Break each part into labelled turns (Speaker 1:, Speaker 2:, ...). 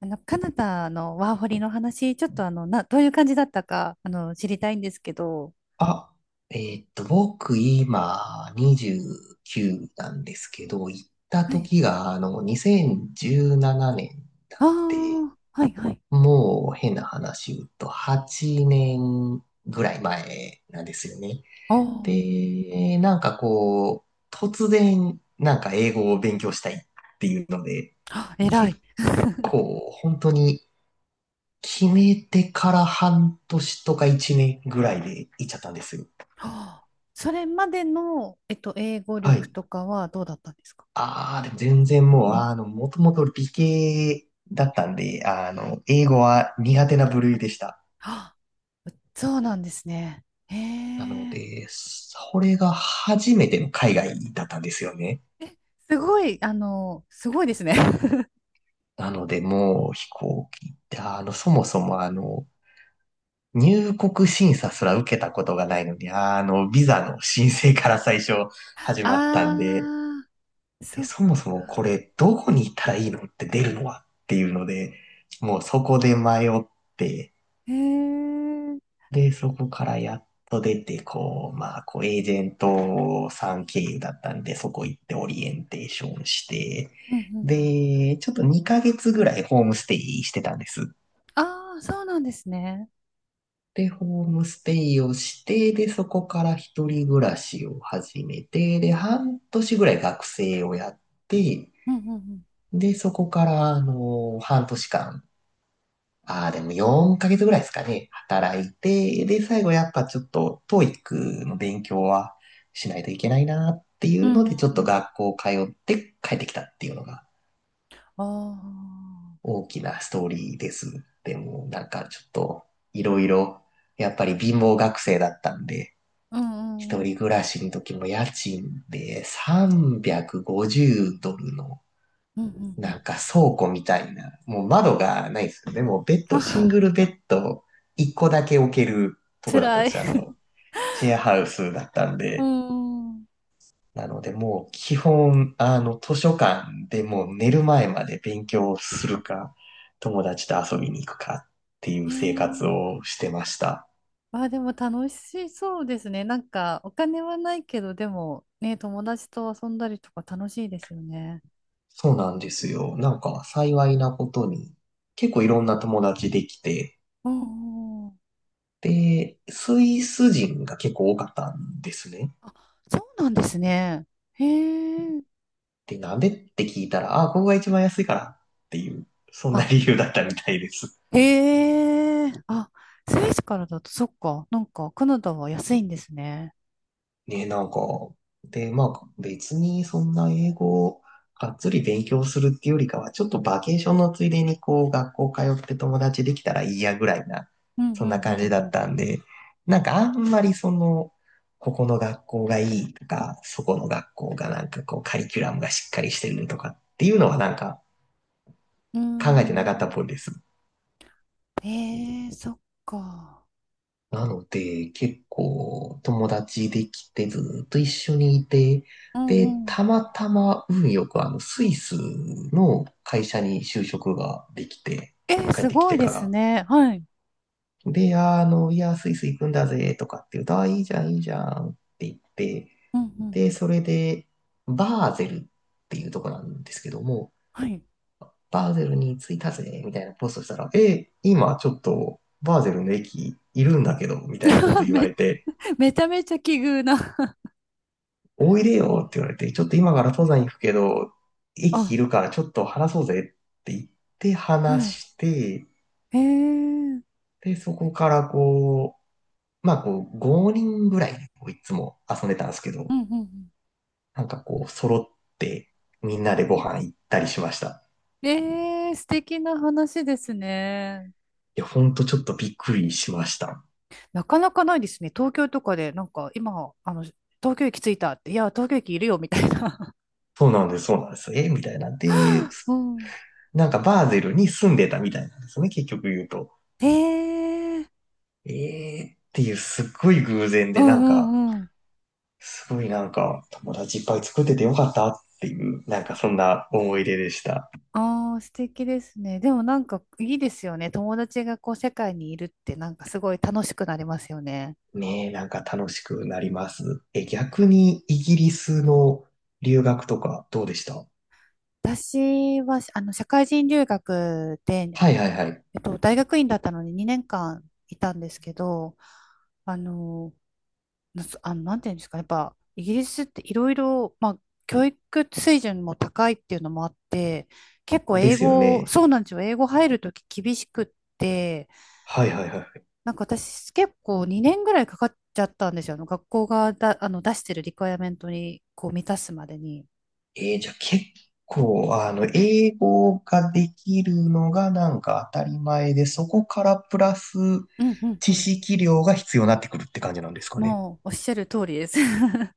Speaker 1: カナダのワーホリの話、ちょっとどういう感じだったか、知りたいんですけど。
Speaker 2: あ、僕今29なんですけど、行った
Speaker 1: はい。
Speaker 2: 時が2017年な
Speaker 1: あ
Speaker 2: んで、
Speaker 1: あ、はい、はい。
Speaker 2: もう変な話言うと8年ぐらい前なんですよね。
Speaker 1: あ
Speaker 2: で、なんかこう、突然なんか英語を勉強したいっていうので、
Speaker 1: あ、えら
Speaker 2: 結
Speaker 1: い。
Speaker 2: 構本当に決めてから半年とか1年ぐらいで行っちゃったんですよ。
Speaker 1: ああ、それまでの、英語
Speaker 2: は
Speaker 1: 力
Speaker 2: い。
Speaker 1: とかはどうだったんですか？
Speaker 2: ああ、でも全然もう、もともと理系だったんで、英語は苦手な部類でした。
Speaker 1: ああ、そうなんですね。へ
Speaker 2: なの
Speaker 1: え、
Speaker 2: で、それが初めての海外だったんですよね。
Speaker 1: すごい、すごいですね。
Speaker 2: なので、もう飛行機って、そもそも入国審査すら受けたことがないのに、ビザの申請から最初始まったんで、
Speaker 1: ああ、
Speaker 2: で、
Speaker 1: そっ
Speaker 2: そもそもこ
Speaker 1: か。
Speaker 2: れ、どこに行ったらいいのって出るのはっていうので、もうそこで迷って、
Speaker 1: へえ、うん
Speaker 2: で、そこからやっと出て、こう、まあ、こう、エージェントさん経由だったんで、そこ行ってオリエンテーションして、
Speaker 1: うんうん。
Speaker 2: で、ちょっと2ヶ月ぐらいホームステイしてたんです。
Speaker 1: ああ、そうなんですね。
Speaker 2: で、ホームステイをして、で、そこから一人暮らしを始めて、で、半年ぐらい学生をやって、
Speaker 1: うんうんうん。
Speaker 2: で、そこから、半年間ああ、でも4ヶ月ぐらいですかね。働いて、で、最後やっぱちょっと TOEIC の勉強はしないといけないなってい
Speaker 1: う
Speaker 2: うの
Speaker 1: ん
Speaker 2: で、ちょっ
Speaker 1: う
Speaker 2: と
Speaker 1: ん
Speaker 2: 学校通って帰ってきたっていうのが
Speaker 1: ああ、
Speaker 2: 大きなストーリーです。でもなんかちょっといろいろ、やっぱり貧乏学生だったんで、
Speaker 1: うんう
Speaker 2: 一
Speaker 1: んうん。
Speaker 2: 人暮らしの時も家賃で350ドルの
Speaker 1: うんう
Speaker 2: なん
Speaker 1: ん
Speaker 2: か倉庫みたいな、もう窓がないですよね。でもベッ
Speaker 1: あう
Speaker 2: ド、
Speaker 1: ん。
Speaker 2: シン
Speaker 1: あ、
Speaker 2: グルベッド1個だけ置けるとこだったん
Speaker 1: 辛
Speaker 2: で
Speaker 1: い。
Speaker 2: す よ。シェアハウスだったん
Speaker 1: う
Speaker 2: で。
Speaker 1: ん。
Speaker 2: なのでもう基本、図書館でもう寝る前まで勉強するか、友達と遊びに行くかっていう
Speaker 1: へ
Speaker 2: 生活
Speaker 1: え。
Speaker 2: をしてました。
Speaker 1: あ、でも楽しそうですね。なんか、お金はないけど、でも、ね、友達と遊んだりとか楽しいですよね。
Speaker 2: そうなんですよ。なんか幸いなことに、結構いろんな友達できて、
Speaker 1: うんうん。
Speaker 2: で、スイス人が結構多かったんですね。
Speaker 1: あ、そうなんですね。へえ。
Speaker 2: で、鍋って聞いたら、あ、ここが一番安いからっていう、そんな
Speaker 1: あ、
Speaker 2: 理由だったみたいです。
Speaker 1: へえ。あ、スイスからだと、そっか。なんか、カナダは安いんですね。
Speaker 2: ね、なんか、で、まあ、別にそんな英語をがっつり勉強するっていうよりかは、ちょっとバケーションのついでに、こう、学校通って友達できたらいいやぐらいな、
Speaker 1: うんう
Speaker 2: そん
Speaker 1: ん
Speaker 2: な感じだ
Speaker 1: う
Speaker 2: っ
Speaker 1: ん
Speaker 2: たんで、なんかあんまりその、ここの学校がいいとか、そこの学校がなんかこう、カリキュラムがしっかりしてるとかっていうのはなんか
Speaker 1: う
Speaker 2: 考
Speaker 1: ん。うー
Speaker 2: えてなかったっ
Speaker 1: ん。
Speaker 2: ぽいです。
Speaker 1: へえ、そっか。
Speaker 2: なので、結構友達できてずっと一緒にいて、
Speaker 1: うん
Speaker 2: で、
Speaker 1: うん。
Speaker 2: たまたま運よくあのスイスの会社に就職ができて、
Speaker 1: え、
Speaker 2: 帰っ
Speaker 1: す
Speaker 2: てき
Speaker 1: ごい
Speaker 2: て
Speaker 1: で
Speaker 2: か
Speaker 1: す
Speaker 2: ら。
Speaker 1: ね。はい。
Speaker 2: で、いや、スイス行くんだぜとかって言うと、あ、いいじゃん、いいじゃんって言って、
Speaker 1: うんうん。
Speaker 2: で、それで、バーゼルっていうとこなんですけども、
Speaker 1: はい。
Speaker 2: バーゼルに着いたぜみたいなポストしたら、え、今ちょっとバーゼルの駅いるんだけど、みたいなこと 言わ
Speaker 1: め、
Speaker 2: れて、
Speaker 1: めちゃめちゃ奇遇な。
Speaker 2: おいでよって言われて、ちょっと今から登山行くけど、駅い
Speaker 1: あ、
Speaker 2: るからちょっと話そうぜって言って
Speaker 1: は
Speaker 2: 話して、
Speaker 1: い。えー。
Speaker 2: で、そこからこう、まあこう、5人ぐらいでこういつも遊んでたんですけ
Speaker 1: う
Speaker 2: ど、
Speaker 1: んうん
Speaker 2: なんかこう、揃ってみんなでご飯行ったりしました。
Speaker 1: うん。えー、素敵な話ですね。
Speaker 2: いや、ほんとちょっとびっくりしました。
Speaker 1: なかなかないですね。東京とかで、なんか今、東京駅着いたって、いや、東京駅いるよ、みたいな。
Speaker 2: そうなんです、そうなんです。えみたいな。で、
Speaker 1: うん。
Speaker 2: なんかバーゼルに住んでたみたいなんですね、結局言うと。
Speaker 1: えー。
Speaker 2: えーっていうすっごい偶然
Speaker 1: う
Speaker 2: で、
Speaker 1: ん
Speaker 2: なん
Speaker 1: う
Speaker 2: か、
Speaker 1: んうん。
Speaker 2: すごいなんか、友達いっぱい作っててよかったっていう、なんかそんな思い出でした。
Speaker 1: ああ、素敵ですね。でもなんかいいですよね。友達がこう世界にいるってなんかすごい楽しくなりますよね。
Speaker 2: ねえ、なんか楽しくなります。え、逆にイギリスの留学とかどうでした？
Speaker 1: 私は、社会人留学で、
Speaker 2: はいはいはい。
Speaker 1: 大学院だったのに2年間いたんですけど、あの、なあの、なんていうんですかね、やっぱ、イギリスっていろいろ、まあ、教育水準も高いっていうのもあって、結構
Speaker 2: で
Speaker 1: 英
Speaker 2: すよ
Speaker 1: 語、
Speaker 2: ね。
Speaker 1: そうなんですよ、英語入るとき厳しくって、
Speaker 2: はいはいはい。
Speaker 1: なんか私結構2年ぐらいかかっちゃったんですよ、学校がだ、あの、出してるリクエアメントに、こう、満たすまでに。
Speaker 2: じゃあ結構、英語ができるのがなんか当たり前で、そこからプラス
Speaker 1: うんうんう
Speaker 2: 知
Speaker 1: ん。
Speaker 2: 識量が必要になってくるって感じなんですかね。
Speaker 1: もう、おっしゃる通りです。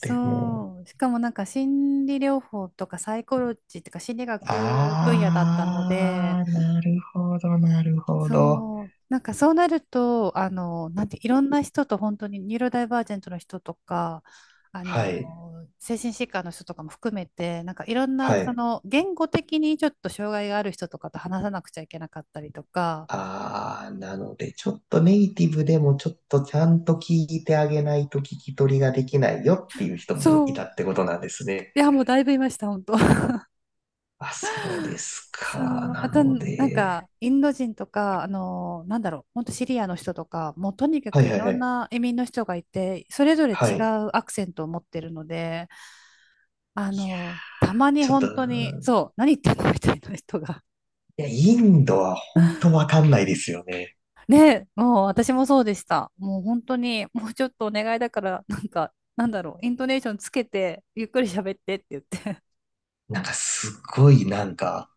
Speaker 2: でも
Speaker 1: う。しかもなんか心理療法とかサイコロジーとか心理学分野だったので、
Speaker 2: あー、なるほど、なるほど。
Speaker 1: そう。なんかそうなると、なんて、いろんな人と本当にニューロダイバージェントの人とか、
Speaker 2: はい、
Speaker 1: 精神疾患の人とかも含めて、なんかいろんな、
Speaker 2: はい。
Speaker 1: 言語的にちょっと障害がある人とかと話さなくちゃいけなかったりとか、
Speaker 2: あー、なので、ちょっとネイティブでもちょっとちゃんと聞いてあげないと聞き取りができないよっていう人もい
Speaker 1: そう。
Speaker 2: たってことなんですね。
Speaker 1: いや、もうだいぶいました、本当。
Speaker 2: あ、そうです
Speaker 1: そ
Speaker 2: か。
Speaker 1: う、
Speaker 2: な
Speaker 1: あと、
Speaker 2: の
Speaker 1: なん
Speaker 2: で、
Speaker 1: か、インド人とか、なんだろう、本当シリアの人とか、もうとにか
Speaker 2: はい
Speaker 1: くい
Speaker 2: はい
Speaker 1: ろ
Speaker 2: は
Speaker 1: ん
Speaker 2: い。
Speaker 1: な移民の人がいて、それぞれ
Speaker 2: は
Speaker 1: 違
Speaker 2: い。
Speaker 1: うアクセントを持ってるので、たまに
Speaker 2: ちょっと、
Speaker 1: 本当に、そう、何言ってんのみたいな人が。
Speaker 2: いや、インドは本当わかんないですよね。
Speaker 1: ね、もう私もそうでした。もう本当に、もうちょっとお願いだから、なんか、なんだろう、イントネーションつけて、ゆっくり喋ってって言って。
Speaker 2: なんかすごいなんか、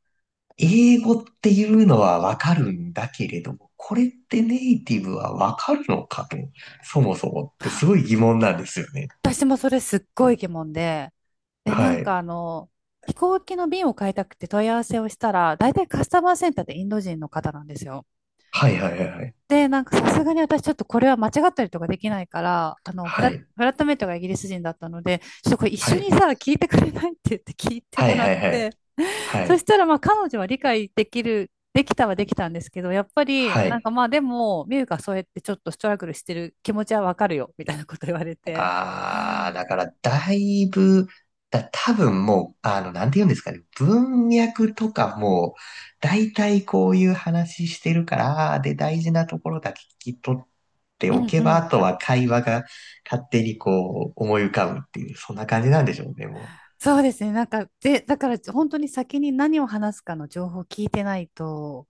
Speaker 2: 英語っていうのはわかるんだけれども、これってネイティブはわかるのかと、そもそもってすごい疑問なんですよね。
Speaker 1: 私もそれすっごい疑問で、で、な
Speaker 2: は
Speaker 1: んか
Speaker 2: い。
Speaker 1: 飛行機の便を買いたくて問い合わせをしたら、大体カスタマーセンターってインド人の方なんですよ。
Speaker 2: はいはいはいはい。
Speaker 1: で、なんかさすがに私ちょっとこれは間違ったりとかできないから、
Speaker 2: は
Speaker 1: フ
Speaker 2: い。
Speaker 1: ラットメイトがイギリス人だったので、ちょっとこれ一緒
Speaker 2: は
Speaker 1: に
Speaker 2: い。
Speaker 1: さ、聞いてくれないって言って聞いて
Speaker 2: は
Speaker 1: も
Speaker 2: い
Speaker 1: ら
Speaker 2: は
Speaker 1: っ
Speaker 2: いは
Speaker 1: て、
Speaker 2: い。は
Speaker 1: そし
Speaker 2: い。
Speaker 1: たらまあ彼女は理解できる、できたはできたんですけど、やっぱり
Speaker 2: は
Speaker 1: なん
Speaker 2: い。
Speaker 1: かまあでも、ミュウがそうやってちょっとストラグルしてる気持ちはわかるよ、みたいなこと言われて。
Speaker 2: ああ、だからだいぶ、多分もう、なんて言うんですかね、文脈とかも、大体こういう話してるから、で、大事なところだけ聞き取って
Speaker 1: う
Speaker 2: お
Speaker 1: ん
Speaker 2: け
Speaker 1: う
Speaker 2: ば、あ
Speaker 1: ん
Speaker 2: とは会話が勝手にこう思い浮かぶっていう、そんな感じなんでしょうね、も
Speaker 1: そうですね。なんか、で、だから本当に先に何を話すかの情報を聞いてないと、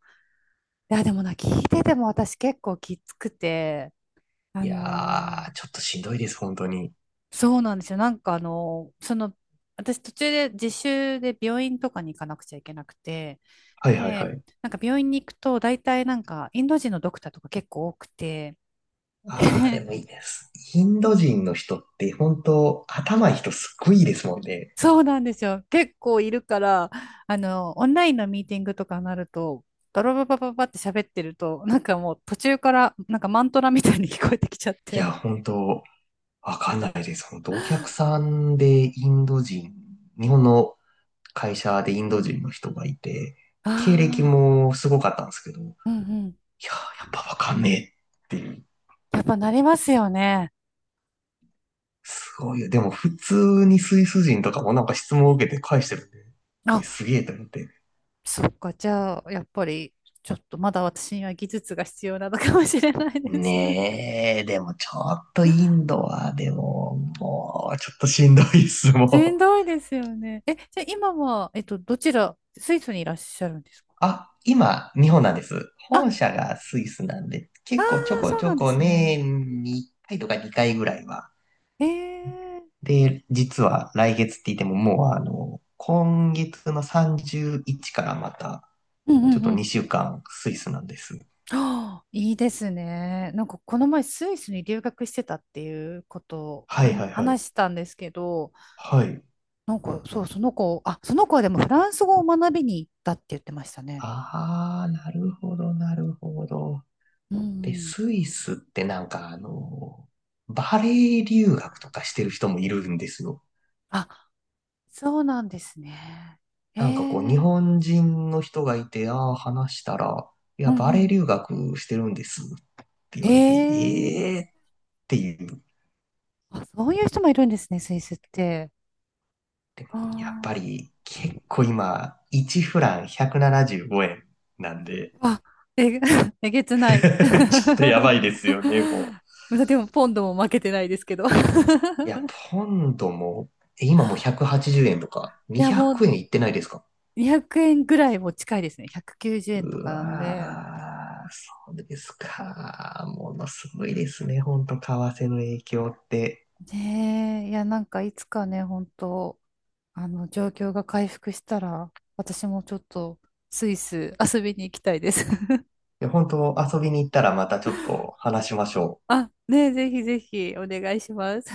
Speaker 1: いや、でもな、聞いてても私結構きつくて、
Speaker 2: う。
Speaker 1: あ
Speaker 2: い
Speaker 1: の
Speaker 2: や
Speaker 1: ー
Speaker 2: ー、ちょっとしんどいです、本当に。
Speaker 1: そうなんですよ。なんか私途中で実習で病院とかに行かなくちゃいけなくて、
Speaker 2: はいはいは
Speaker 1: で、
Speaker 2: い。
Speaker 1: なんか病院に行くと大体なんかインド人のドクターとか結構多くて、
Speaker 2: ああ、でも いいです。インド人の人って本当頭いい人すっごいいいですもんね。
Speaker 1: そうなんですよ。結構いるから、オンラインのミーティングとかになると、ドロババババって喋ってると、なんかもう途中から、なんかマントラみたいに聞こえてきちゃっ
Speaker 2: い
Speaker 1: て。
Speaker 2: や、本当わかんないです。お客さんでインド人、日本の会社でインド人の人がいて、
Speaker 1: あ
Speaker 2: 経歴
Speaker 1: あ、
Speaker 2: もすごかったんですけど、いやー、
Speaker 1: うんうん。
Speaker 2: やっぱわかんねえっていう。
Speaker 1: やっぱなりますよね。
Speaker 2: すごいよ。でも普通にスイス人とかもなんか質問を受けて返してるんで、
Speaker 1: あ、
Speaker 2: えすげえと思って。
Speaker 1: そっか。じゃあ、やっぱり、ちょっとまだ私には技術が必要なのかもしれないですね。
Speaker 2: ねえ、でもちょっとインドは、でも、もうちょっとしんどいっす、
Speaker 1: しん
Speaker 2: もう。
Speaker 1: どいですよね。え、じゃあ今は、どちら、スイスにいらっしゃるんですか？
Speaker 2: あ、今、日本なんです。
Speaker 1: あ、
Speaker 2: 本社がスイスなんで、結構ちょこ
Speaker 1: そう
Speaker 2: ち
Speaker 1: な
Speaker 2: ょ
Speaker 1: んで
Speaker 2: こ
Speaker 1: すね。
Speaker 2: 年に回とか2回ぐらいは。
Speaker 1: ええ
Speaker 2: で、実は来月って言ってももう今月の31からまた、
Speaker 1: うん
Speaker 2: ち
Speaker 1: う
Speaker 2: ょっ
Speaker 1: ん
Speaker 2: と
Speaker 1: うん。
Speaker 2: 2週間スイスなんです。
Speaker 1: ああ、いいですね。なんかこの前スイスに留学してたっていうことを
Speaker 2: は
Speaker 1: は
Speaker 2: いはいはい。
Speaker 1: 話したんですけど、
Speaker 2: はい。
Speaker 1: なんかそう、その子、あ、その子はでもフランス語を学びに行ったって言ってましたね。
Speaker 2: あー、なるほど、なるほど。
Speaker 1: う
Speaker 2: で、
Speaker 1: ん。
Speaker 2: スイスってなんかバレエ留学とかしてる人もいるんですよ。
Speaker 1: あ、そうなんですね。え
Speaker 2: なんかこう、日
Speaker 1: え
Speaker 2: 本人の人がいて、ああ、話したら、い
Speaker 1: う
Speaker 2: や、
Speaker 1: ん
Speaker 2: バ
Speaker 1: う
Speaker 2: レエ
Speaker 1: ん。
Speaker 2: 留学してるんですって言
Speaker 1: え
Speaker 2: われて、
Speaker 1: え
Speaker 2: ええっていう。
Speaker 1: あ、そういう人もいるんですね、スイスって。
Speaker 2: やっぱ
Speaker 1: あ
Speaker 2: り結構今、1フラン175円ななじゅうごえんなんで、
Speaker 1: あ、あ、え、えげつない。
Speaker 2: ちょっとやばいですよね、も
Speaker 1: でも、ポンドも負けてないですけど。い
Speaker 2: う。いや、ポンドも、え今もう180円とか、
Speaker 1: や、
Speaker 2: 200
Speaker 1: もう、
Speaker 2: 円いってないですか？
Speaker 1: 200円ぐらいも近いですね。190円と
Speaker 2: う
Speaker 1: かなんで。
Speaker 2: わー、そうですか。ものすごいですね、ほんと、為替の影響って。
Speaker 1: ねえ、いや、なんかいつかね、本当状況が回復したら、私もちょっとスイス遊びに行きたいです。
Speaker 2: で、本当遊びに行ったらまたちょっと話しましょう。
Speaker 1: あ、ねえ、ぜひぜひお願いします。